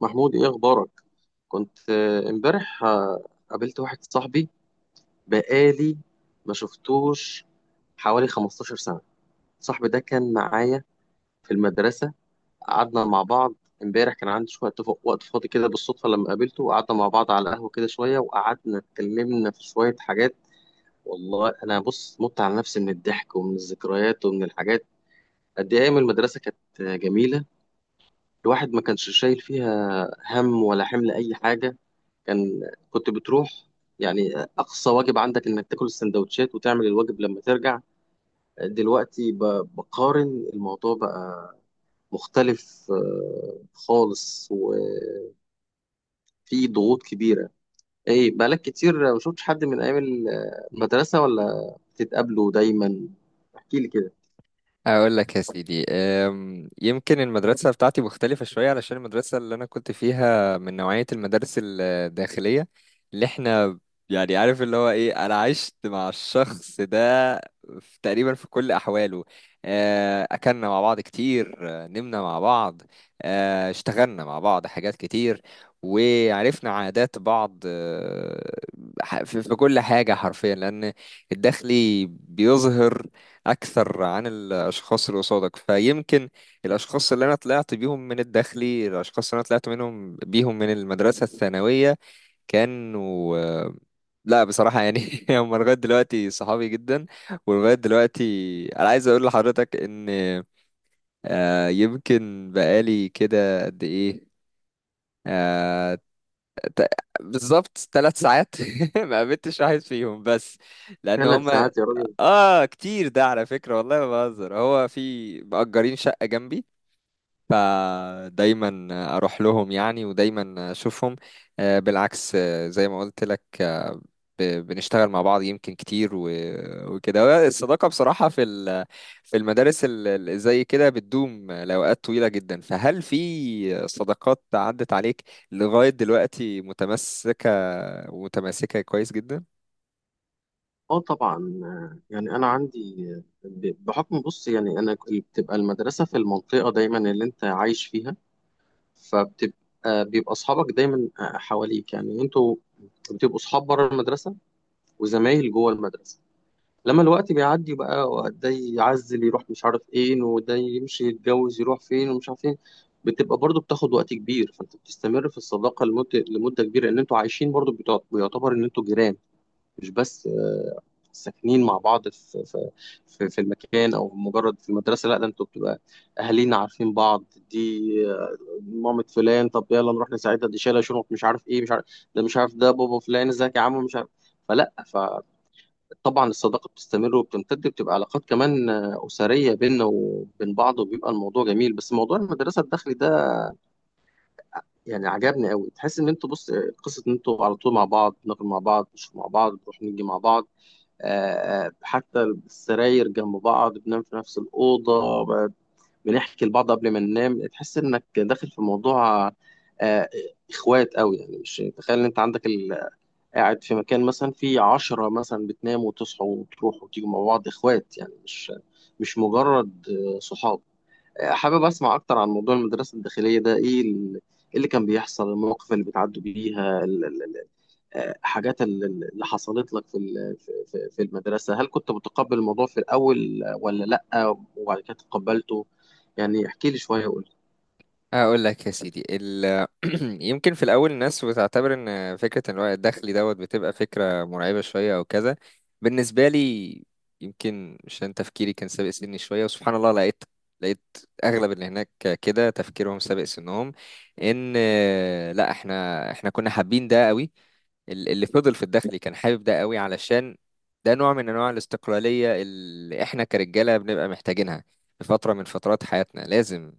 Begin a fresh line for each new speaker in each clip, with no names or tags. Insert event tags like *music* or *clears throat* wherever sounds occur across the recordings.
محمود، ايه اخبارك؟ كنت امبارح، قابلت واحد صاحبي بقالي ما شفتوش حوالي 15 سنة. صاحبي ده كان معايا في المدرسة. قعدنا مع بعض. امبارح كان عندي شوية وقت فاضي كده، بالصدفة لما قابلته وقعدنا مع بعض على القهوة كده شوية، وقعدنا اتكلمنا في شوية حاجات. والله انا بص مت على نفسي من الضحك ومن الذكريات ومن الحاجات. قد ايه ايام المدرسة كانت جميلة! الواحد ما كانش شايل فيها هم ولا حمل أي حاجة. كان كنت بتروح، يعني أقصى واجب عندك إنك تاكل السندوتشات وتعمل الواجب لما ترجع. دلوقتي بقارن الموضوع بقى مختلف خالص، وفي ضغوط كبيرة. إيه، بقالك كتير ما شفتش حد من أيام المدرسة، ولا بتتقابلوا دايما؟ احكي لي كده.
اقول لك يا سيدي يمكن المدرسه بتاعتي مختلفه شويه علشان المدرسه اللي انا كنت فيها من نوعيه المدارس الداخليه اللي احنا يعني عارف اللي هو ايه انا عشت مع الشخص ده تقريبا في كل احواله. اكلنا مع بعض كتير. نمنا مع بعض. اشتغلنا مع بعض حاجات كتير وعرفنا عادات بعض. أه، ح- في في كل حاجه حرفيا، لان الداخلي بيظهر اكثر عن الاشخاص اللي قصادك، فيمكن الاشخاص اللي انا طلعت بيهم من الداخلي، الاشخاص اللي انا طلعت منهم بيهم من المدرسه الثانويه كانوا لا بصراحه يعني *laughs* هم لغايه دلوقتي صحابي جدا ولغايه دلوقتي انا عايز اقول لحضرتك ان يمكن بقالي كده قد ايه، آه، ت- بالظبط 3 ساعات *laughs* ما قابلتش واحد فيهم، بس لان
ثلاث
هم
ساعات يا راجل!
اه كتير ده على فكرة، والله ما بهزر، هو في مأجرين شقة جنبي، فدايما اروح لهم يعني ودايما اشوفهم. بالعكس، زي ما قلت لك، بنشتغل مع بعض يمكن كتير وكده. هو الصداقة بصراحة في في المدارس زي كده بتدوم لأوقات طويلة جدا، فهل في صداقات عدت عليك لغاية دلوقتي متمسكة ومتماسكة كويس جدا؟
اه طبعا، يعني انا عندي، بحكم، بص يعني انا بتبقى المدرسه في المنطقه دايما اللي انت عايش فيها، فبتبقى بيبقى اصحابك دايما حواليك. يعني انتوا بتبقوا اصحاب بره المدرسه وزمايل جوه المدرسه. لما الوقت بيعدي بقى، ده يعزل يروح مش عارف ايه، وده يمشي يتجوز يروح فين ومش عارف فين، بتبقى برضو بتاخد وقت كبير، فانت بتستمر في الصداقه لمده كبيره. ان انتوا عايشين برضو، بيعتبر ان انتوا جيران، مش بس ساكنين مع بعض في المكان او مجرد في المدرسه، لا ده انتوا بتبقى اهالينا عارفين بعض. دي، آه، مامة فلان، طب يلا نروح نساعدها، دي شايله شنط مش عارف ايه مش عارف، ده مش عارف ده بابا فلان، ازيك يا عم، مش عارف. فطبعا الصداقه بتستمر وبتمتد، بتبقى علاقات كمان اسريه بيننا وبين بعض، وبيبقى الموضوع جميل. بس موضوع المدرسه الداخلي ده يعني عجبني قوي. تحس ان انتوا، بص، قصه ان انتوا على طول مع بعض، بناكل مع بعض، بنشرب مع بعض، بنروح نيجي مع بعض، حتى السراير جنب بعض، بننام في نفس الأوضة، بنحكي لبعض قبل ما ننام. تحس إنك داخل في موضوع، آه، إخوات أوي يعني، مش تخيل إن أنت عندك قاعد في مكان مثلا في 10 مثلا بتناموا وتصحوا وتروحوا وتيجوا مع بعض، إخوات يعني، مش مجرد صحاب. حابب أسمع أكتر عن موضوع المدرسة الداخلية ده. إيه إيه اللي كان بيحصل، المواقف اللي بتعدوا بيها، حاجات اللي حصلت لك في في المدرسة؟ هل كنت متقبل الموضوع في الأول، ولا لأ وبعد كده تقبلته؟ يعني احكي لي شوية وقول لي.
اقول لك يا سيدي *clears throat* يمكن في الاول الناس بتعتبر ان فكره الوقت الدخلي دوت بتبقى فكره مرعبه شويه او كذا. بالنسبه لي يمكن عشان تفكيري كان سابق سني شويه، وسبحان الله لقيت لقيت اغلب اللي هناك كده تفكيرهم سابق سنهم. ان لا، احنا كنا حابين ده قوي. اللي فضل في الدخلي كان حابب ده قوي، علشان ده نوع من انواع الاستقلاليه اللي احنا كرجاله بنبقى محتاجينها في فتره من فترات حياتنا. لازم،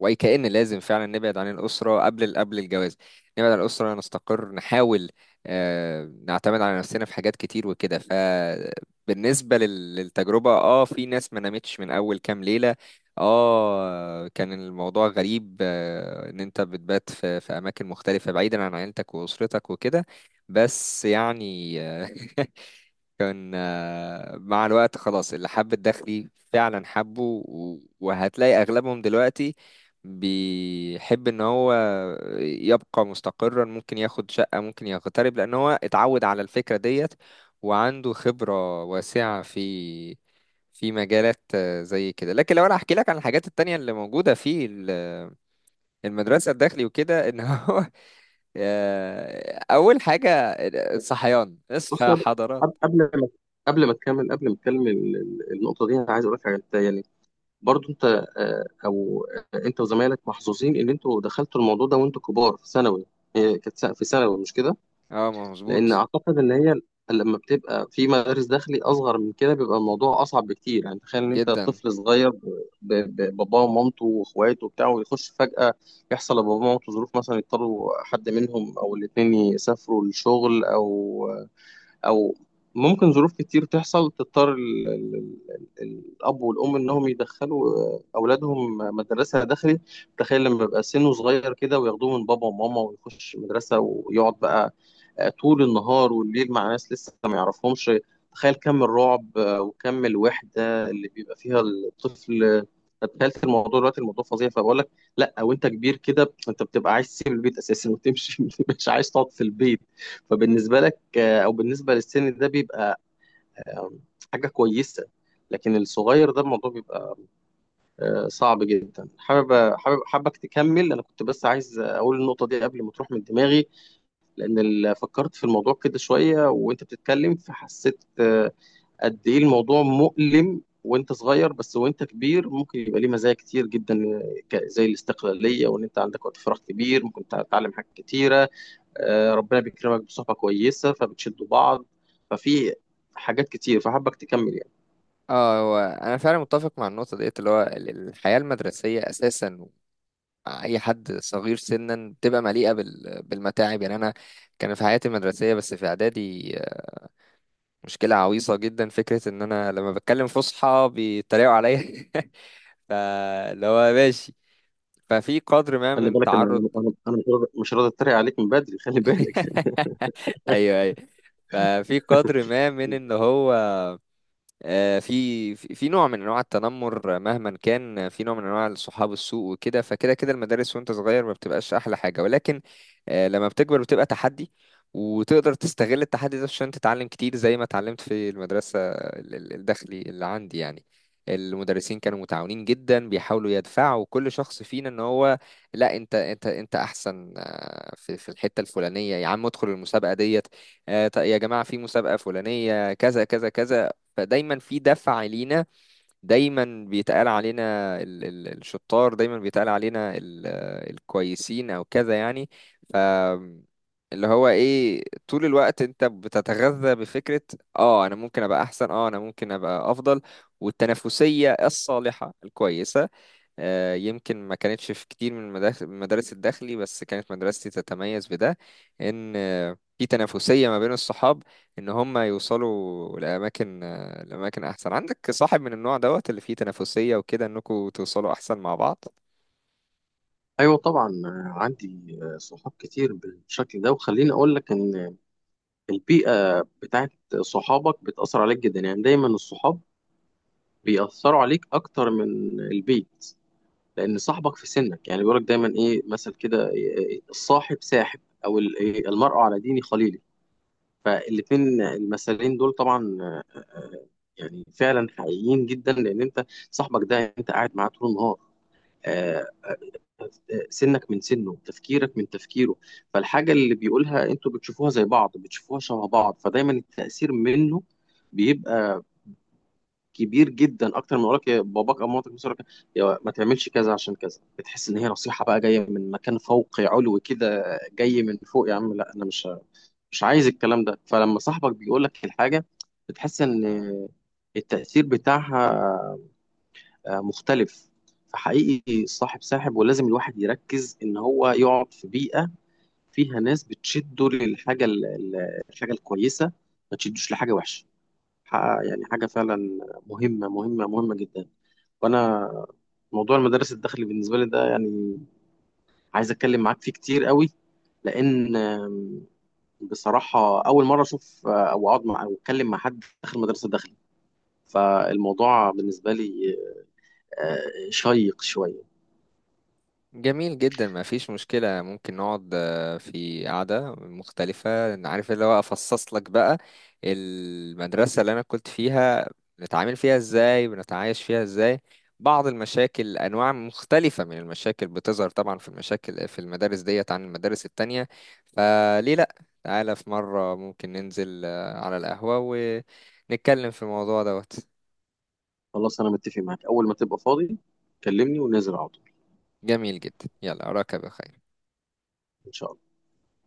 وكأن لازم فعلا نبعد عن الأسرة قبل الجواز. نبعد عن الأسرة، نستقر، نحاول نعتمد على نفسنا في حاجات كتير وكده. فبالنسبة للتجربة، اه في ناس ما نامتش من أول كام ليلة. اه كان الموضوع غريب، ان انت بتبات في اماكن مختلفة بعيدا عن عيلتك واسرتك وكده. بس يعني *laughs* كان مع الوقت خلاص اللي حب الداخلي فعلا حبه، وهتلاقي أغلبهم دلوقتي بيحب إن هو يبقى مستقرا، ممكن ياخد شقة، ممكن يغترب، لأن هو اتعود على الفكرة ديت وعنده خبرة واسعة في في مجالات زي كده. لكن لو انا احكي لك عن الحاجات التانية اللي موجودة في المدرسة الداخلي وكده، ان هو *laughs* اول حاجة الصحيان،
بص،
اصحى يا
قبل
حضرات.
قبل ما، قبل ما تكمل النقطة دي، أنا عايز أقول لك حاجة. أنت يعني برضو أنت آه، أو آه، أنت وزمايلك محظوظين إن أنتوا دخلتوا الموضوع ده وأنتوا كبار في ثانوي. هي كانت في ثانوي مش كده؟
اه، ما
لان
مظبوط
اعتقد ان هي لما بتبقى في مدارس داخلي اصغر من كده بيبقى الموضوع اصعب بكتير. يعني تخيل ان انت
جدا.
طفل صغير، بباباه ومامته واخواته وبتاع، ويخش فجأة، يحصل لباباه ومامته ظروف مثلا، يضطروا حد منهم او الاتنين يسافروا للشغل او ممكن ظروف كتير تحصل تضطر الاب والام انهم يدخلوا اولادهم مدرسه داخلي. تخيل لما يبقى سنه صغير كده وياخدوه من بابا وماما ويخش مدرسه ويقعد بقى طول النهار والليل مع ناس لسه ما يعرفهمش. تخيل كم الرعب وكم الوحدة اللي بيبقى فيها الطفل. تخيلت الموضوع دلوقتي؟ الموضوع فظيع. فبقول لك، لا، وانت كبير كده انت بتبقى عايز تسيب البيت اساسا وتمشي *laughs* مش عايز تقعد في البيت. فبالنسبة لك، او بالنسبة للسن ده، بيبقى آه، حاجة كويسة. لكن الصغير ده الموضوع بيبقى صعب جدا. حابب حابب حابك تكمل، انا كنت بس عايز اقول النقطة دي قبل ما تروح من دماغي، لان فكرت في الموضوع كده شويه وانت بتتكلم، فحسيت قد ايه الموضوع مؤلم وانت صغير، بس وانت كبير ممكن يبقى ليه مزايا كتير جدا، زي الاستقلاليه، وان انت عندك وقت فراغ كبير ممكن تتعلم حاجات كتيره، ربنا بيكرمك بصحبه كويسه فبتشدوا بعض. ففي حاجات كتير، فحابك تكمل يعني.
اه هو انا فعلا متفق مع النقطه ديت، اللي هو الحياه المدرسيه اساسا مع اي حد صغير سنا بتبقى مليئه بالمتاعب. يعني انا كان في حياتي المدرسيه، بس في اعدادي، مشكله عويصه جدا، فكره ان انا لما بتكلم فصحى بيتريقوا عليا *laughs* فاللي هو ماشي. ففي قدر ما
خلي
من
بالك، انا
تعرض
انا أنا- أنا مش راضي اتريق عليك من بدري، خلي بالك.
*laughs* ايوه ايوه. ففي قدر ما من ان
*laughs*
هو في نوع من انواع التنمر، مهما كان، في نوع من انواع صحاب السوء وكده. فكده كده المدارس وانت صغير ما بتبقاش احلى حاجه، ولكن لما بتكبر بتبقى تحدي، وتقدر تستغل التحدي ده عشان تتعلم كتير، زي ما اتعلمت في المدرسه الداخلي اللي عندي. يعني المدرسين كانوا متعاونين جدا، بيحاولوا يدفعوا كل شخص فينا ان هو لا، انت احسن في في الحته الفلانيه، يا عم ادخل المسابقه ديت. طيب يا جماعه في مسابقه فلانيه كذا كذا كذا. فدايما في دفعة لينا، دايما بيتقال علينا ال ال الشطار، دايما بيتقال علينا ال الكويسين او كذا يعني. ف اللي هو ايه، طول الوقت انت بتتغذى بفكرة اه انا ممكن ابقى احسن، اه انا ممكن ابقى افضل. والتنافسية الصالحة الكويسة، يمكن ما كانتش في كتير من المدارس الداخلي، بس كانت مدرستي تتميز بده. ان في تنافسية ما بين الصحاب، ان هم يوصلوا لأماكن لأماكن احسن. عندك صاحب من النوع دوت اللي فيه تنافسية وكده انكم توصلوا احسن مع بعض.
ايوه طبعا، عندي صحاب كتير بالشكل ده. وخليني اقول لك ان البيئة بتاعت صحابك بتأثر عليك جدا. يعني دايما الصحاب بيأثروا عليك أكتر من البيت، لأن صاحبك في سنك يعني، بيقولك دايما إيه مثل كده، إيه، الصاحب ساحب، أو إيه، المرء على دين خليله. فالاتنين المثلين دول طبعا، يعني فعلا حقيقيين جدا، لأن أنت صاحبك ده أنت قاعد معاه طول النهار، آه، سنك من سنه، تفكيرك من تفكيره، فالحاجة اللي بيقولها أنتوا بتشوفوها زي بعض، بتشوفوها شبه بعض. فدايما التأثير منه بيبقى كبير جدا، اكتر من يقولك يا باباك او مامتك، بس يقولك يا ما تعملش كذا عشان كذا، بتحس ان هي نصيحه بقى جايه من مكان فوقي علوي كده، جاي من فوق يا عم، لا انا مش عايز الكلام ده. فلما صاحبك بيقول لك الحاجه، بتحس ان التاثير بتاعها مختلف. فحقيقي الصاحب ساحب، ولازم الواحد يركز ان هو يقعد في بيئه فيها ناس بتشده للحاجه الحاجه الكويسه، ما تشدوش لحاجه وحشه. ح- يعني حاجه فعلا مهمه مهمه مهمه جدا. وانا موضوع المدارس الداخلي بالنسبه لي ده يعني عايز اتكلم معاك فيه كتير قوي، لان بصراحه اول مره اشوف، او اقعد مع، او اتكلم مع حد داخل مدرسه الداخلي، فالموضوع بالنسبه لي شيق شويه.
جميل جدا، ما فيش مشكلة، ممكن نقعد في قعدة مختلفة، أنا عارف اللي هو أفصص لك بقى المدرسة اللي أنا كنت فيها، بنتعامل فيها إزاي، بنتعايش فيها إزاي، بعض المشاكل، أنواع مختلفة من المشاكل بتظهر طبعا في المشاكل في المدارس ديت عن المدارس التانية. فليه لأ، تعالى في مرة ممكن ننزل على القهوة ونتكلم في الموضوع دوت.
خلاص انا متفق معاك، اول ما تبقى فاضي كلمني وننزل على طول.
جميل جدا، يلا أراك بخير.
ان شاء الله.